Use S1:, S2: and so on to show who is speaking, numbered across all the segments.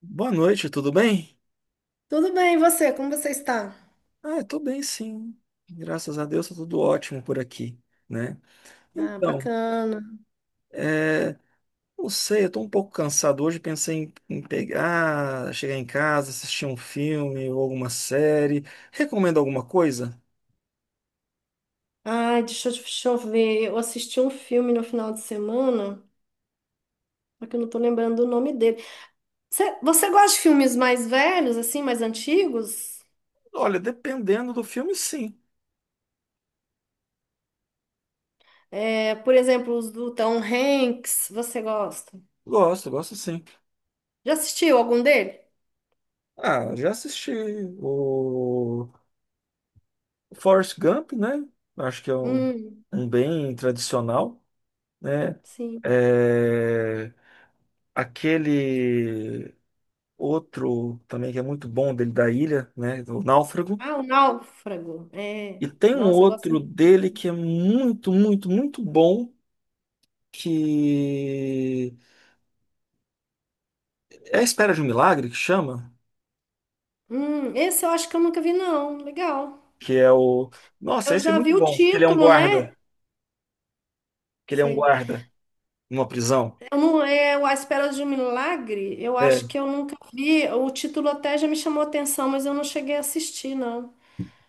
S1: Boa noite, tudo bem?
S2: Tudo bem, e você? Como você está?
S1: Ah, eu tô bem, sim. Graças a Deus, tá tudo ótimo por aqui, né?
S2: Ah,
S1: Então,
S2: bacana.
S1: é, não sei, eu tô um pouco cansado hoje, pensei em pegar, chegar em casa, assistir um filme ou alguma série. Recomendo alguma coisa?
S2: Ai, deixa eu ver. Eu assisti um filme no final de semana, só que eu não tô lembrando o nome dele. Você gosta de filmes mais velhos, assim, mais antigos?
S1: Olha, dependendo do filme, sim.
S2: É, por exemplo, os do Tom Hanks, você gosta?
S1: Gosto, gosto sim.
S2: Já assistiu algum dele?
S1: Ah, já assisti o Forrest Gump, né? Acho que é
S2: Hum,
S1: um bem tradicional, né?
S2: sim.
S1: É... Aquele outro também que é muito bom dele da ilha, né, do Náufrago.
S2: Ah, O Náufrago. É.
S1: E tem um
S2: Nossa, eu
S1: outro
S2: gosto.
S1: dele que é muito, muito, muito bom, que é a Espera de um Milagre, que chama,
S2: Esse eu acho que eu nunca vi, não. Legal.
S1: que é o... Nossa,
S2: Eu
S1: esse é
S2: já
S1: muito
S2: vi o
S1: bom. Ele é um
S2: título, né?
S1: guarda, que ele é um
S2: Sei.
S1: guarda numa prisão.
S2: Eu não, eu, à espera de um milagre, eu acho
S1: É,
S2: que eu nunca vi. O título até já me chamou atenção, mas eu não cheguei a assistir, não.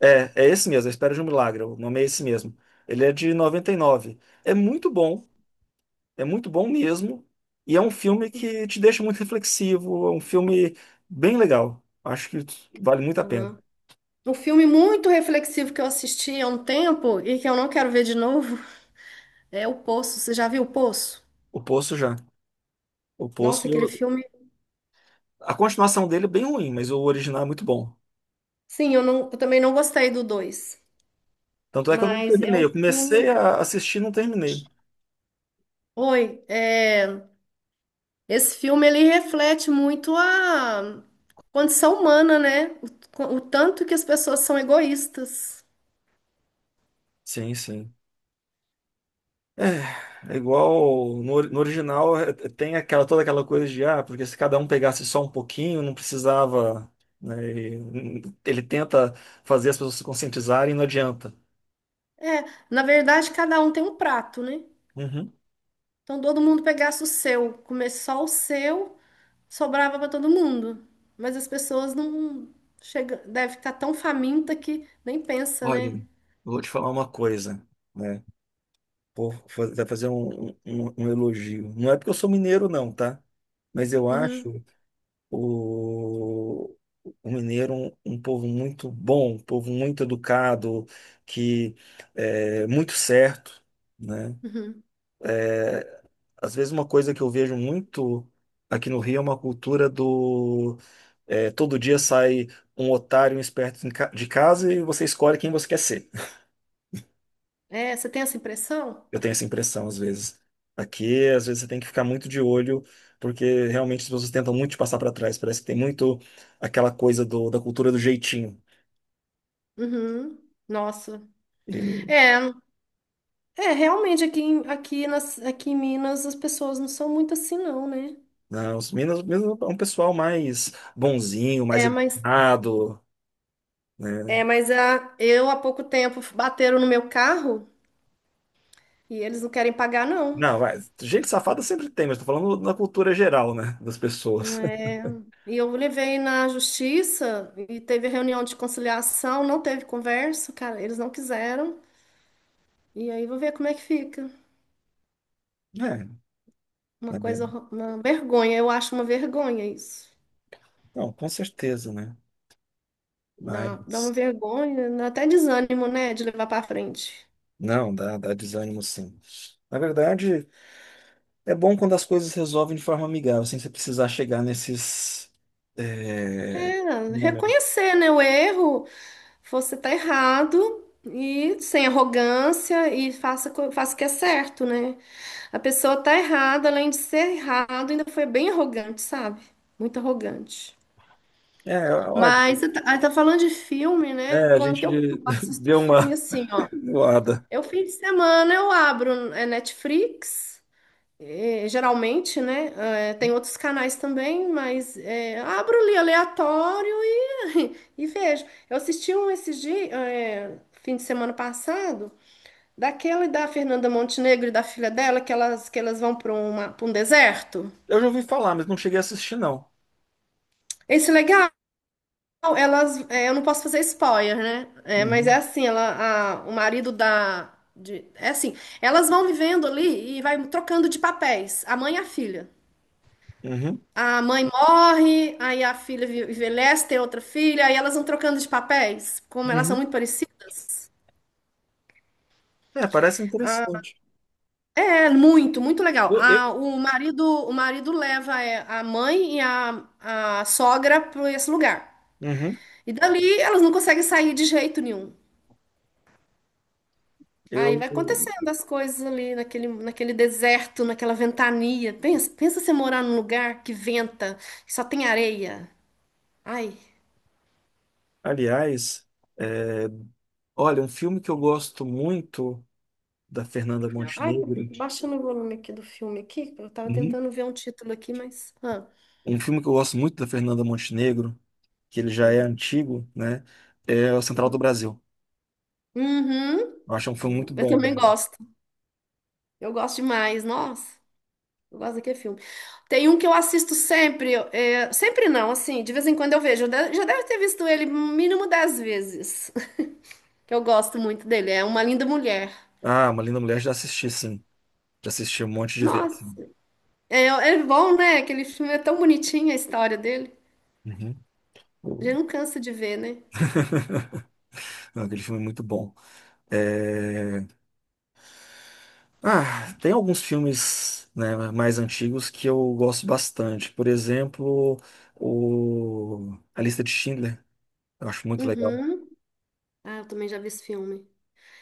S1: é esse mesmo, A Espera de um Milagre, o nome é esse mesmo. Ele é de noventa e nove. É muito bom. É muito bom mesmo. E é um filme que te deixa muito reflexivo. É um filme bem legal. Acho que vale muito a pena.
S2: Aham. Um filme muito reflexivo que eu assisti há um tempo e que eu não quero ver de novo é O Poço. Você já viu O Poço?
S1: O Poço já. O
S2: Nossa,
S1: Poço,
S2: aquele
S1: eu-
S2: filme.
S1: a continuação dele é bem ruim, mas o original é muito bom.
S2: Sim, eu, não, eu também não gostei do dois,
S1: Tanto é que eu não
S2: mas é
S1: terminei.
S2: um
S1: Eu comecei
S2: filme.
S1: a assistir e não terminei.
S2: Oi, é, esse filme ele reflete muito a condição humana, né? O tanto que as pessoas são egoístas.
S1: Sim, sim. É, é igual no original tem aquela toda aquela coisa de ah, porque se cada um pegasse só um pouquinho, não precisava, né, ele tenta fazer as pessoas se conscientizarem e não adianta.
S2: É, na verdade, cada um tem um prato, né?
S1: Uhum.
S2: Então todo mundo pegasse o seu, comer só o seu, sobrava para todo mundo. Mas as pessoas não chega, deve estar tão faminta que nem pensa,
S1: Olha,
S2: né?
S1: eu vou te falar uma coisa, né? Pô, vai fazer um elogio. Não é porque eu sou mineiro, não, tá? Mas eu
S2: Uhum,
S1: acho o, o mineiro um povo muito bom, um povo muito educado, que é muito certo, né?
S2: uhum.
S1: É, às vezes uma coisa que eu vejo muito aqui no Rio é uma cultura do é, todo dia sai um otário, um esperto em de casa e você escolhe quem você quer ser.
S2: É, você tem essa impressão?
S1: Eu tenho essa impressão às vezes. Aqui, às vezes, você tem que ficar muito de olho, porque realmente as pessoas tentam muito te passar para trás. Parece que tem muito aquela coisa da cultura do jeitinho.
S2: Uhum. Nossa.
S1: E,
S2: É, é, realmente aqui em Minas as pessoas não são muito assim, não, né?
S1: né, os Minas, mesmo é um pessoal mais bonzinho, mais
S2: É, mas
S1: educado,
S2: é,
S1: né?
S2: mas a, eu há pouco tempo bateram no meu carro e eles não querem pagar, não.
S1: Não, vai, gente safada sempre tem, mas tô falando na cultura geral, né, das pessoas.
S2: É, e eu levei na justiça e teve reunião de conciliação, não teve conversa, cara, eles não quiseram. E aí vou ver como é que fica.
S1: É,
S2: Uma
S1: é
S2: coisa,
S1: mesmo.
S2: uma vergonha, eu acho uma vergonha isso.
S1: Não, com certeza, né?
S2: Dá uma
S1: Mas
S2: vergonha, dá até desânimo, né, de levar para frente.
S1: não, dá, dá desânimo sim. Na verdade. É bom quando as coisas resolvem de forma amigável, sem você precisar chegar nesses. É,
S2: É,
S1: momentos.
S2: reconhecer, né, o erro, você tá errado e sem arrogância e faça, faça o que é certo, né? A pessoa tá errada, além de ser errado, ainda foi bem arrogante, sabe? Muito arrogante.
S1: É, olha,
S2: Mas você tá falando de filme, né?
S1: é, a
S2: Como que
S1: gente
S2: eu assisto
S1: deu
S2: filme
S1: uma
S2: assim, ó?
S1: voada.
S2: Eu fim de semana eu abro Netflix, geralmente, né? Tem outros canais também, mas abro ali aleatório e vejo. Eu assisti um esses dias, fim de semana passado, daquele da Fernanda Montenegro e da filha dela, que elas vão para um deserto.
S1: Eu já ouvi falar, mas não cheguei a assistir, não.
S2: Esse legal, eu não posso fazer spoiler, né? É, mas é
S1: Uhum,
S2: assim, ela, o marido da, é assim, elas vão vivendo ali e vai trocando de papéis, a mãe e a filha.
S1: uhum,
S2: A mãe morre, aí a filha envelhece, tem outra filha, aí elas vão trocando de papéis, como elas são
S1: uhum.
S2: muito parecidas.
S1: É, parece
S2: Ah,
S1: interessante.
S2: é muito, muito legal.
S1: Eu, eu-
S2: Ah, o marido leva a mãe e a sogra para esse lugar.
S1: uhum,
S2: E dali elas não conseguem sair de jeito nenhum. Aí
S1: eu,
S2: vai acontecendo as coisas ali naquele deserto, naquela ventania. Pensa, pensa você morar num lugar que venta, que só tem areia. Ai,
S1: aliás, é, olha, um filme que eu gosto muito da Fernanda
S2: ai,
S1: Montenegro.
S2: baixando o volume aqui do filme aqui, eu tava
S1: Uhum.
S2: tentando ver um título aqui, mas.
S1: Um filme que eu gosto muito da Fernanda Montenegro, que ele já é
S2: Hum,
S1: antigo, né? É o Central do
S2: uhum.
S1: Brasil.
S2: Uhum.
S1: Eu acho um filme muito
S2: Eu
S1: bom,
S2: também
S1: cara.
S2: gosto. Eu gosto demais, nossa. Eu gosto daquele filme. Tem um que eu assisto sempre, sempre não, assim, de vez em quando eu vejo. Eu já deve ter visto ele mínimo 10 vezes, que eu gosto muito dele. É Uma Linda Mulher.
S1: Ah, Uma Linda Mulher já assisti, sim. Já assisti um monte de vezes.
S2: Nossa, é bom, né? Aquele filme é tão bonitinho a história dele.
S1: Uhum.
S2: A gente não cansa de ver, né?
S1: Não, aquele filme é muito bom. É, ah, tem alguns filmes, né, mais antigos que eu gosto bastante. Por exemplo, A Lista de Schindler. Eu acho muito legal,
S2: Uhum. Ah, eu também já vi esse filme.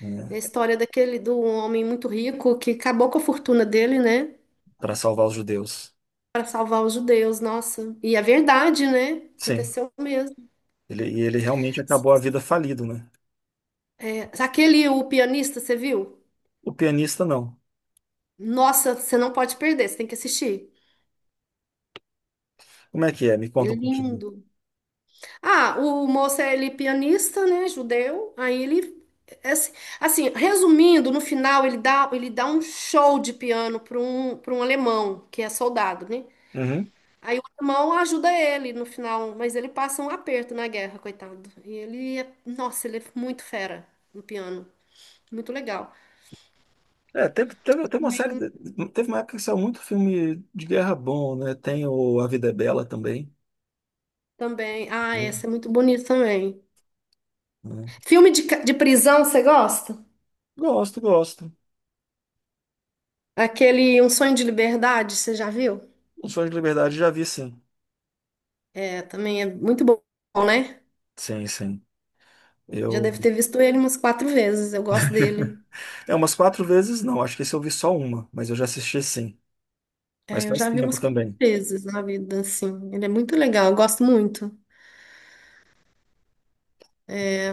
S1: né,
S2: É a história daquele do homem muito rico que acabou com a fortuna dele, né?
S1: para salvar os judeus.
S2: Para salvar os judeus, nossa. E é verdade, né?
S1: Sim,
S2: Aconteceu mesmo.
S1: e ele realmente acabou a vida falido, né?
S2: É, aquele, o pianista, você viu?
S1: O pianista, não.
S2: Nossa, você não pode perder, você tem que assistir.
S1: Como é que é? Me
S2: É
S1: conta um pouquinho.
S2: lindo. Ah, o moço é ele é pianista, né, judeu. Aí ele é assim, resumindo, no final ele dá um show de piano para um alemão que é soldado, né?
S1: Uhum.
S2: Aí o alemão ajuda ele no final, mas ele passa um aperto na guerra, coitado. E ele é, nossa, ele é muito fera no piano, muito legal.
S1: É, teve uma
S2: Também,
S1: Teve uma época que saiu muito filme de guerra bom, né? Tem o A Vida é Bela também.
S2: também. Ah,
S1: Hum.
S2: essa é muito bonita também.
S1: Né?
S2: Filme de prisão, você gosta?
S1: Gosto, gosto.
S2: Aquele Um Sonho de Liberdade, você já viu?
S1: Um Sonho de Liberdade já vi, sim.
S2: É, também é muito bom, né?
S1: Sim, sim.
S2: Já
S1: Eu.
S2: deve ter visto ele umas quatro vezes. Eu gosto dele.
S1: É umas quatro vezes, não. Acho que esse eu vi só uma, mas eu já assisti sim. Mas
S2: É, eu
S1: faz
S2: já vi
S1: tempo
S2: umas quatro
S1: também.
S2: vezes na vida, assim. Ele é muito legal, eu gosto muito. É,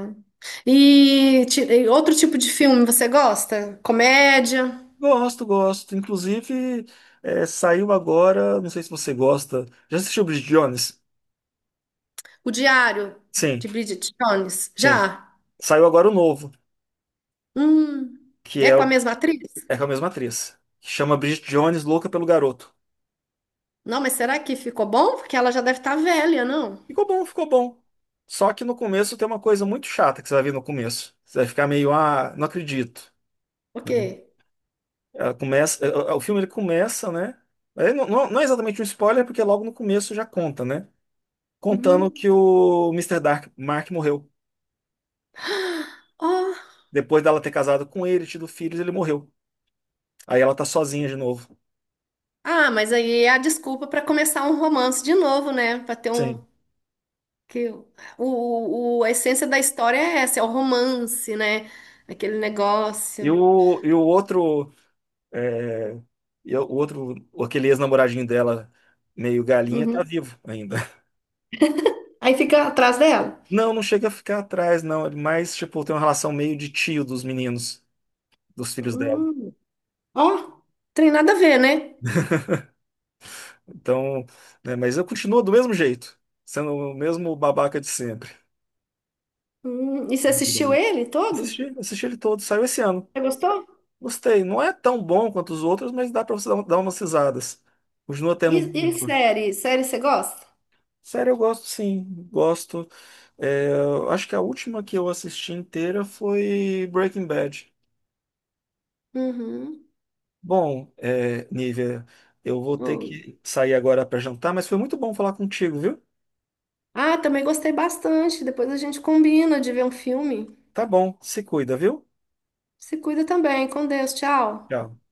S2: e outro tipo de filme você gosta? Comédia?
S1: Gosto, gosto. Inclusive, é, saiu agora. Não sei se você gosta. Já assistiu Bridget Jones?
S2: O Diário
S1: Sim,
S2: de Bridget Jones?
S1: sim.
S2: Já?
S1: Saiu agora o novo,
S2: Hum.
S1: que
S2: É
S1: é,
S2: com a
S1: o-
S2: mesma atriz?
S1: é com a mesma atriz. Que chama Bridget Jones, Louca pelo Garoto.
S2: Não, mas será que ficou bom? Porque ela já deve estar velha, não?
S1: Ficou bom, ficou bom. Só que no começo tem uma coisa muito chata que você vai ver no começo. Você vai ficar meio, ah, não acredito.
S2: Ok.
S1: Né? Ela começa, o filme ele começa, né? Não, não é exatamente um spoiler, porque logo no começo já conta, né? Contando
S2: Uhum.
S1: que o Mister Dark, Mark morreu.
S2: Oh.
S1: Depois dela ter casado com ele, tido filhos, ele morreu. Aí ela tá sozinha de novo.
S2: Ah, mas aí é a desculpa para começar um romance de novo, né? Para ter um.
S1: Sim.
S2: Que o- a essência da história é essa, é o romance, né? Aquele negócio.
S1: E o outro, eh, e o outro, aquele ex-namoradinho dela, meio galinha, tá
S2: Uhum.
S1: vivo ainda.
S2: Aí fica atrás dela.
S1: Não, não chega a ficar atrás, não. Ele mais, tipo, tem uma relação meio de tio dos meninos, dos filhos dela.
S2: Hum, Ó, tem nada a ver, né?
S1: Então, né, mas eu continuo do mesmo jeito, sendo o mesmo babaca de sempre.
S2: E você
S1: Não muda
S2: assistiu
S1: muito.
S2: ele todo?
S1: Assisti, assisti ele todo, saiu esse ano.
S2: Você gostou?
S1: Gostei. Não é tão bom quanto os outros, mas dá pra você dar, dar umas risadas. Continua tendo
S2: E,
S1: um bom
S2: e
S1: humor.
S2: série? Série você gosta?
S1: Sério, eu gosto sim, gosto. É, eu acho que a última que eu assisti inteira foi Breaking Bad.
S2: Uhum.
S1: Bom, é, Nívia, eu vou ter
S2: Oi.
S1: que sair agora para jantar, mas foi muito bom falar contigo, viu?
S2: Ah, também gostei bastante. Depois a gente combina de ver um filme.
S1: Tá bom, se cuida, viu?
S2: Se cuida também. Com Deus. Tchau.
S1: Tchau.